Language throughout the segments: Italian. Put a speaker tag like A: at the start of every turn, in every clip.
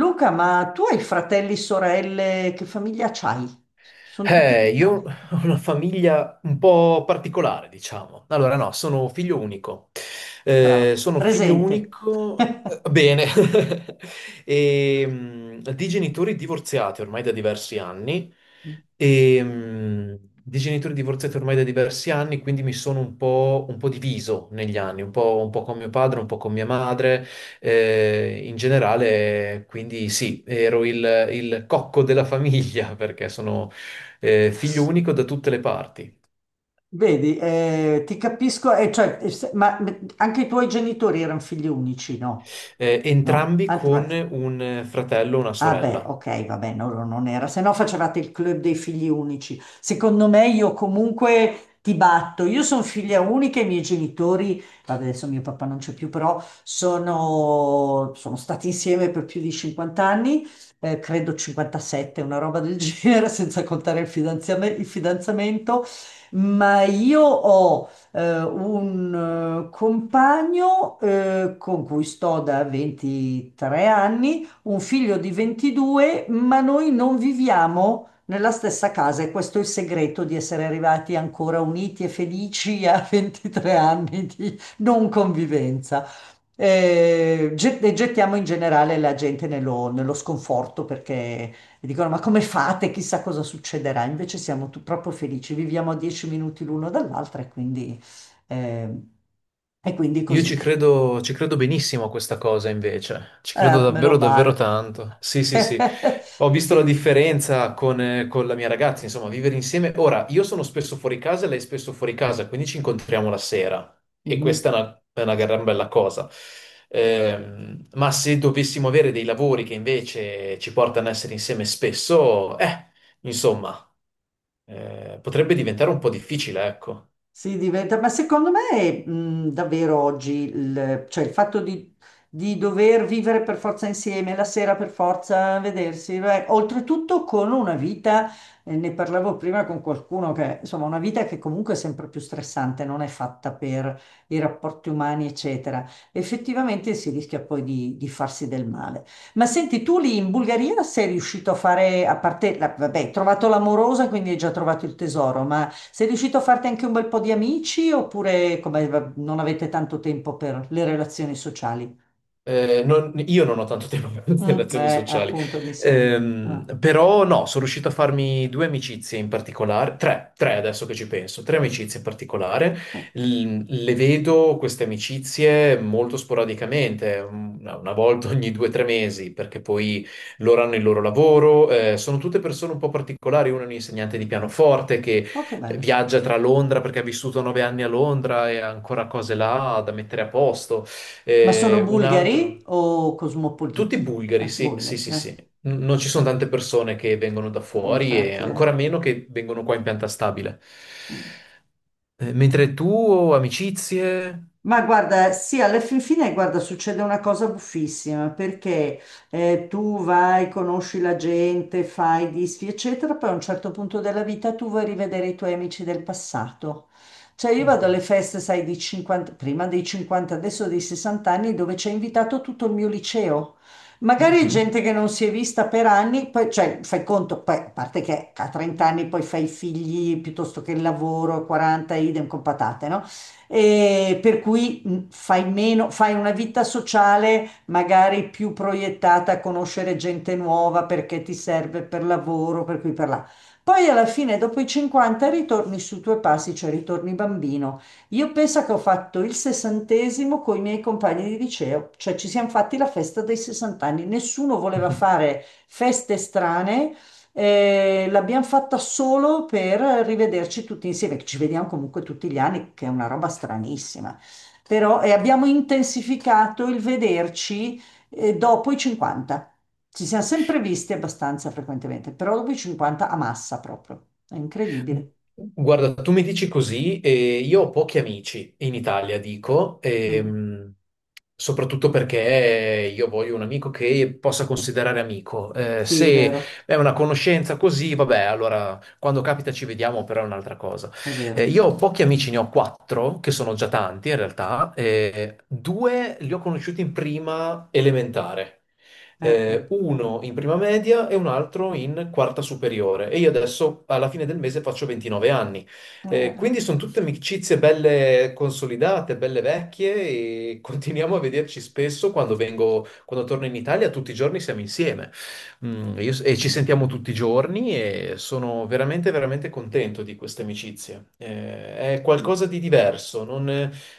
A: Luca, ma tu hai fratelli, sorelle, che famiglia c'hai? Sono tutti in
B: Io ho
A: Italia.
B: una famiglia un po' particolare, diciamo. Allora, no, sono figlio unico. Eh,
A: Bravo.
B: sono figlio
A: Presente.
B: unico, bene, e, di genitori divorziati ormai da diversi anni. E, di genitori divorziati ormai da diversi anni, quindi mi sono un po' diviso negli anni, un po' con mio padre, un po' con mia madre. In generale, quindi sì, ero il cocco della famiglia perché sono figlio unico da tutte le parti,
A: Vedi, ti capisco, cioè, ma anche i tuoi genitori erano figli unici, no? No,
B: entrambi
A: anzi,
B: con
A: basta.
B: un fratello e una
A: Ah beh,
B: sorella.
A: ok, vabbè, no, no, non era, se no facevate il club dei figli unici. Secondo me io comunque ti batto, io sono figlia unica, i miei genitori, vabbè, adesso mio papà non c'è più, però sono stati insieme per più di 50 anni, credo 57, una roba del genere, senza contare il il fidanzamento, ma io ho un compagno con cui sto da 23 anni un figlio di 22, ma noi non viviamo nella stessa casa e questo è il segreto di essere arrivati ancora uniti e felici a 23 anni di non convivenza. E gettiamo in generale la gente nello sconforto perché dicono: Ma come fate? Chissà cosa succederà. Invece siamo proprio felici, viviamo a 10 minuti l'uno dall'altro e quindi, eh, e quindi
B: Io
A: così.
B: ci credo benissimo a questa cosa invece, ci credo
A: Meno
B: davvero davvero
A: male.
B: tanto. Sì, sì, sì. Ho visto la
A: Sì.
B: differenza con la mia ragazza, insomma, vivere insieme. Ora, io sono spesso fuori casa e lei è spesso fuori casa, quindi ci incontriamo la sera e
A: Mhm.
B: questa è una gran bella cosa. Ma se dovessimo avere dei lavori che invece ci portano a essere insieme spesso, insomma. Potrebbe diventare un po' difficile, ecco.
A: Si diventa, ma secondo me davvero oggi cioè il fatto di dover vivere per forza insieme, la sera per forza vedersi, beh, oltretutto con una vita, ne parlavo prima con qualcuno, che insomma una vita che comunque è sempre più stressante, non è fatta per i rapporti umani, eccetera. Effettivamente si rischia poi di farsi del male. Ma senti, tu lì in Bulgaria sei riuscito a fare, a parte, vabbè, hai trovato l'amorosa, quindi hai già trovato il tesoro, ma. Sei riuscito a farti anche un bel po' di amici oppure come, non avete tanto tempo per le relazioni sociali?
B: Io non ho tanto tempo per le
A: Mm,
B: relazioni sociali.
A: appunto, mi sembra. Ah,
B: Però no, sono riuscito a farmi due amicizie in particolare, tre adesso che ci penso, tre amicizie in particolare.
A: eh.
B: Le vedo queste amicizie molto sporadicamente, una volta ogni 2 o 3 mesi, perché poi loro hanno il loro lavoro. Sono tutte persone un po' particolari, uno è un insegnante di pianoforte che
A: Oh, che bello.
B: viaggia tra Londra perché ha vissuto 9 anni a Londra e ha ancora cose là da mettere a posto.
A: Ma sono
B: Un
A: bulgari
B: altro.
A: o
B: Tutti
A: cosmopoliti?
B: bulgari, sì, sì,
A: Bulgari,
B: sì,
A: eh.
B: sì. Non ci sono
A: Ah,
B: tante persone che vengono da
A: sì,
B: fuori e
A: infatti, eh.
B: ancora meno che vengono qua in pianta stabile.
A: Mm.
B: Mentre tu, amicizie...
A: Ma guarda, sì, alla fin fine, guarda, succede una cosa buffissima perché tu vai, conosci la gente, fai disfi, eccetera, poi a un certo punto della vita tu vuoi rivedere i tuoi amici del passato. Cioè io vado alle feste, sai, di 50, prima dei 50, adesso dei 60 anni, dove c'è invitato tutto il mio liceo. Magari
B: Mhm.
A: gente che non si è vista per anni, poi, cioè, fai conto, poi, a parte che a 30 anni poi fai i figli piuttosto che il lavoro, a 40, idem con patate, no? E per cui fai meno, fai una vita sociale magari più proiettata a conoscere gente nuova perché ti serve per lavoro, per qui per là. Poi alla fine, dopo i 50, ritorni sui tuoi passi, cioè ritorni bambino. Io penso che ho fatto il sessantesimo con i miei compagni di liceo, cioè ci siamo fatti la festa dei 60 anni. Nessuno voleva
B: Mhm.
A: fare feste strane, l'abbiamo fatta solo per rivederci tutti insieme, che ci vediamo comunque tutti gli anni, che è una roba stranissima. Però e abbiamo intensificato il vederci dopo i 50. Ci siamo sempre visti abbastanza frequentemente, però dopo i 50 a massa proprio. È incredibile.
B: Guarda, tu mi dici così, e io ho pochi amici in Italia, dico,
A: Mm.
B: soprattutto perché io voglio un amico che possa considerare amico. Eh,
A: Sì, è
B: se
A: vero,
B: è una conoscenza così, vabbè, allora quando capita ci vediamo, però è un'altra cosa.
A: è
B: Eh,
A: vero.
B: io ho pochi amici, ne ho quattro, che sono già tanti in realtà, due li ho conosciuti in prima elementare
A: Vedi.
B: uno in prima media e un altro in quarta superiore. E io adesso alla fine del mese faccio 29 anni. Quindi sono tutte amicizie belle consolidate, belle vecchie e continuiamo a vederci spesso quando vengo, quando torno in Italia, tutti i giorni siamo insieme. E ci
A: Eh.
B: sentiamo tutti i giorni e sono veramente, veramente contento di queste amicizie. È qualcosa di diverso, non.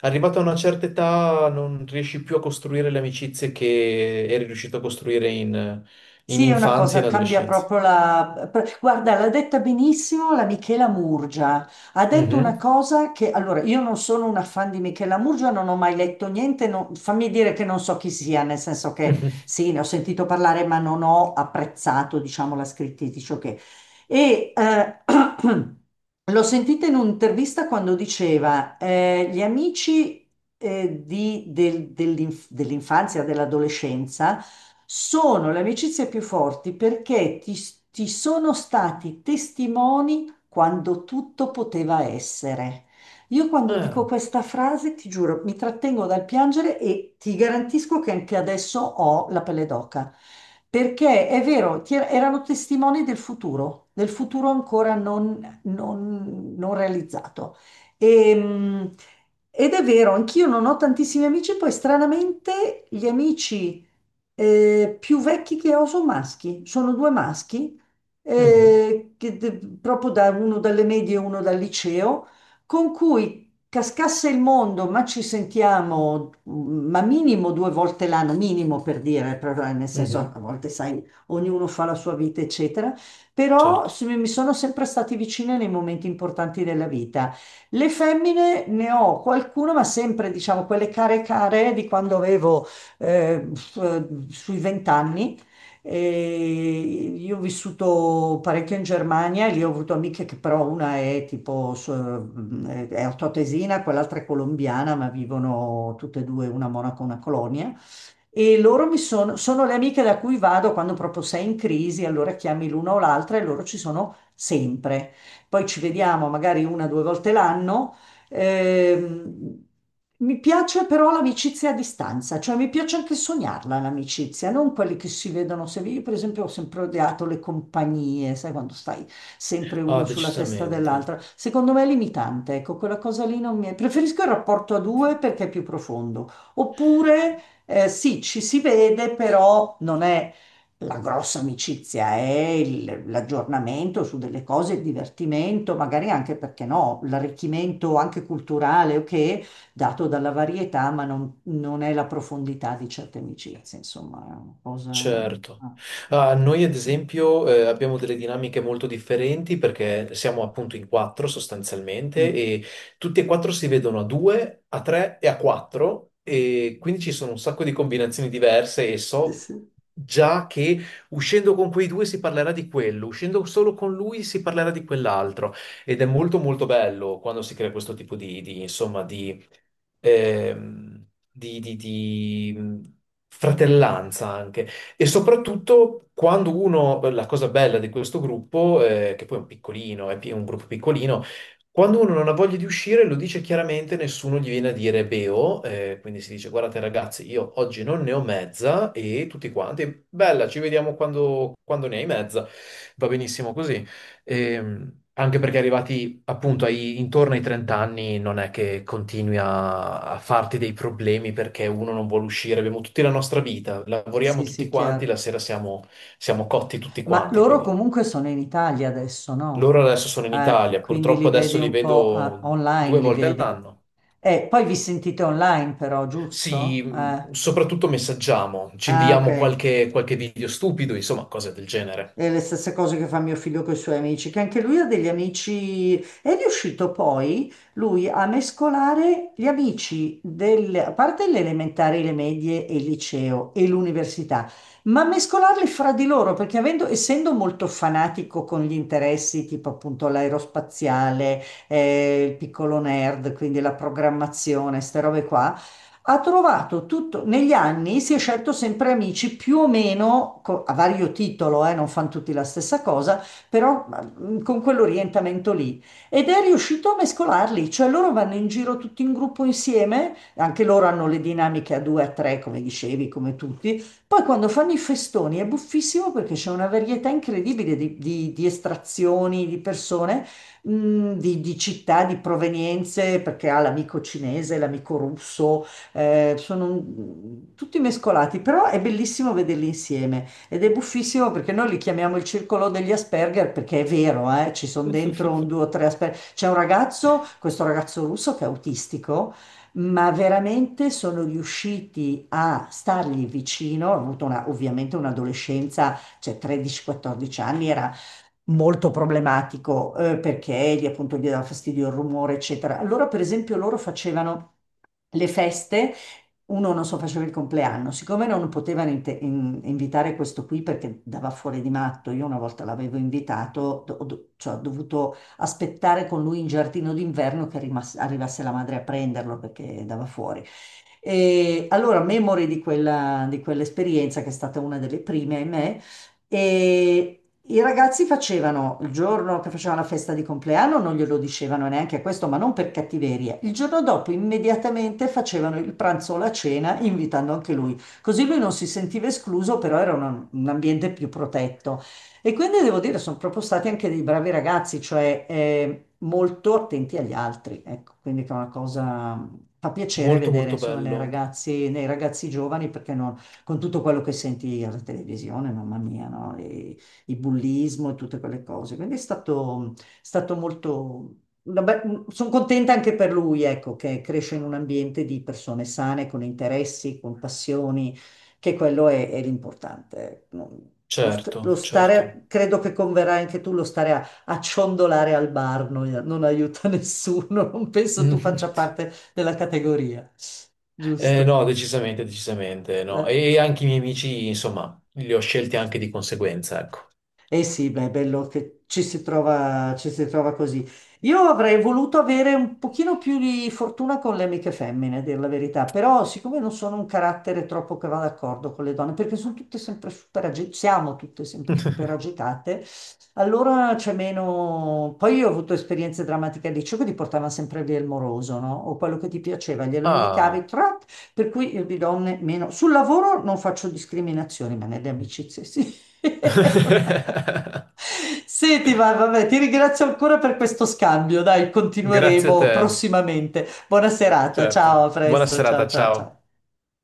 B: Arrivato a una certa età non riesci più a costruire le amicizie che eri riuscito a costruire in
A: Sì, è una
B: infanzia e
A: cosa,
B: in
A: cambia
B: adolescenza.
A: proprio la. Guarda, l'ha detta benissimo la Michela Murgia. Ha detto una
B: Mhm,
A: cosa che. Allora, io non sono una fan di Michela Murgia, non ho mai letto niente, fammi dire che non so chi sia, nel senso che
B: mhm.
A: sì, ne ho sentito parlare, ma non ho apprezzato, diciamo, la scrittrice, ok. E l'ho sentita in un'intervista quando diceva, gli amici, dell'infanzia, dell'adolescenza, sono le amicizie più forti perché ti sono stati testimoni quando tutto poteva essere. Io quando dico
B: Ah,
A: questa frase, ti giuro, mi trattengo dal piangere e ti garantisco che anche adesso ho la pelle d'oca. Perché è vero, ti erano testimoni del futuro ancora non realizzato. E, mh, Ed è vero, anch'io non ho tantissimi amici, poi stranamente gli amici, più vecchi che ho sono maschi, sono due maschi,
B: mhm,
A: eh, che de- proprio da uno dalle medie e uno dal liceo con cui cascasse il mondo, ma ci sentiamo, ma minimo due volte l'anno, minimo per dire, nel senso
B: mhm.
A: a volte sai, ognuno fa la sua vita, eccetera, però
B: Certo.
A: mi sono sempre stati vicine nei momenti importanti della vita. Le femmine ne ho qualcuna, ma sempre, diciamo, quelle care care di quando avevo sui vent'anni e io ho vissuto parecchio in Germania e lì ho avuto amiche che però una è tipo è altoatesina, quell'altra è colombiana, ma vivono tutte e due, una a Monaco e una a Colonia. E loro sono le amiche da cui vado quando proprio sei in crisi, allora chiami l'una o l'altra e loro ci sono sempre. Poi ci vediamo magari una o due volte l'anno. Ehm, Mi piace però l'amicizia a distanza, cioè mi piace anche sognarla l'amicizia, non quelli che si vedono sempre. Io, per esempio, ho sempre odiato le compagnie, sai, quando stai sempre
B: Ah,
A: uno sulla testa
B: decisamente.
A: dell'altra. Secondo me è limitante, ecco, quella cosa lì non mi è. Preferisco il rapporto a due perché è più profondo. Oppure, sì, ci si vede, però non è la grossa amicizia, è l'aggiornamento su delle cose, il divertimento, magari anche perché no, l'arricchimento anche culturale, ok, dato dalla varietà, ma non, non è la profondità di certe amicizie, insomma, è una cosa.
B: Certo.
A: Ah,
B: Ah, noi ad esempio abbiamo delle dinamiche molto differenti perché siamo appunto in quattro sostanzialmente
A: mm.
B: e tutti e quattro si vedono a due, a tre e a quattro e quindi ci sono un sacco di combinazioni diverse e
A: Sì,
B: so
A: sì,
B: già che uscendo con quei due si parlerà di quello, uscendo solo con lui si parlerà di quell'altro ed è molto molto bello quando si crea questo tipo di insomma ehm, di fratellanza anche. E soprattutto quando uno, la cosa bella di questo gruppo, che poi è un piccolino, un gruppo piccolino, quando uno non ha voglia di uscire lo dice chiaramente, nessuno gli viene a dire beo, quindi si dice guardate ragazzi, io oggi non ne ho mezza e tutti quanti, bella, ci vediamo quando ne hai mezza, va benissimo così. E, anche perché arrivati appunto intorno ai 30 anni non è che continui a farti dei problemi perché uno non vuole uscire, abbiamo tutti la nostra vita, lavoriamo
A: sì,
B: tutti
A: sì,
B: quanti, la
A: chiaro.
B: sera siamo cotti tutti
A: Ma
B: quanti,
A: loro
B: quindi
A: comunque sono in Italia adesso, no?
B: loro adesso sono in Italia,
A: Quindi
B: purtroppo
A: li vedi
B: adesso li
A: un po',
B: vedo
A: online,
B: due
A: li
B: volte
A: vedi.
B: all'anno.
A: E poi vi sentite online però,
B: Sì,
A: giusto?
B: soprattutto messaggiamo, ci
A: Ah, ok.
B: inviamo qualche video stupido, insomma, cose del genere.
A: E le stesse cose che fa mio figlio con i suoi amici, che anche lui ha degli amici. È riuscito poi lui a mescolare gli amici del, a parte le elementari, le medie e il liceo e l'università, ma mescolarli fra di loro, perché avendo, essendo molto fanatico con gli interessi, tipo appunto l'aerospaziale, il piccolo nerd, quindi la programmazione, queste robe qua. Ha trovato tutto, negli anni si è scelto sempre amici più o meno a vario titolo, non fanno tutti la stessa cosa, però con quell'orientamento lì. Ed è riuscito a mescolarli, cioè loro vanno in giro tutti in gruppo insieme, anche loro hanno le dinamiche a due, a tre, come dicevi, come tutti. Poi quando fanno i festoni è buffissimo perché c'è una varietà incredibile di estrazioni, di persone, di città, di provenienze, perché ha l'amico cinese, l'amico russo, tutti mescolati, però è bellissimo vederli insieme ed è buffissimo perché noi li chiamiamo il circolo degli Asperger perché è vero, ci sono dentro un, due o tre Asperger. C'è un ragazzo, questo ragazzo russo che è autistico, ma veramente sono riusciti a stargli vicino, ha avuto ovviamente un'adolescenza, cioè 13-14 anni, era molto problematico, perché gli, appunto gli dava fastidio il rumore, eccetera. Allora, per esempio, loro facevano le feste. Uno non so, faceva il compleanno, siccome non potevano invitare questo qui perché dava fuori di matto, io una volta l'avevo invitato, cioè, ho dovuto aspettare con lui in giardino d'inverno che arrivasse la madre a prenderlo perché dava fuori. E allora, memore di quella, di quell'esperienza, che è stata una delle prime, ahimè, e i ragazzi facevano il giorno che facevano la festa di compleanno, non glielo dicevano neanche questo, ma non per cattiveria. Il giorno dopo immediatamente facevano il pranzo o la cena, invitando anche lui. Così lui non si sentiva escluso, però era un ambiente più protetto. E quindi devo dire, sono proprio stati anche dei bravi ragazzi, cioè molto attenti agli altri. Ecco, quindi che è una cosa, fa piacere
B: Molto
A: vedere
B: molto
A: insomma
B: bello,
A: nei ragazzi giovani, perché non, con tutto quello che senti alla televisione, mamma mia, no? E il bullismo e tutte quelle cose. Quindi è stato molto. Sono contenta anche per lui, ecco, che cresce in un ambiente di persone sane, con interessi, con passioni, che quello è l'importante. Ecco. Lo
B: certo,
A: stare,
B: certo.
A: credo che converrai anche tu, lo stare a, a ciondolare al bar non aiuta nessuno, non penso tu faccia parte della categoria, giusto?
B: No, decisamente, decisamente no. E anche i miei amici, insomma, li ho scelti anche di conseguenza, ecco.
A: Eh sì, beh, è bello che ci si trova così. Io avrei voluto avere un pochino più di fortuna con le amiche femmine, a dir la verità, però siccome non sono un carattere troppo che va d'accordo con le donne, perché sono tutte sempre super agitate, siamo tutte sempre super agitate, allora c'è meno. Poi io ho avuto esperienze drammatiche al liceo che ti portavano sempre via il moroso, no? O quello che ti piaceva, glielo indicavi,
B: Ah,
A: per cui io di donne meno. Sul lavoro non faccio discriminazioni, ma nelle amicizie sì. Senti, vabbè, ti ringrazio ancora per questo scambio. Dai,
B: grazie a
A: continueremo
B: te,
A: prossimamente. Buona serata, ciao, a
B: certo. Buona
A: presto,
B: serata,
A: ciao, ciao, ciao.
B: ciao.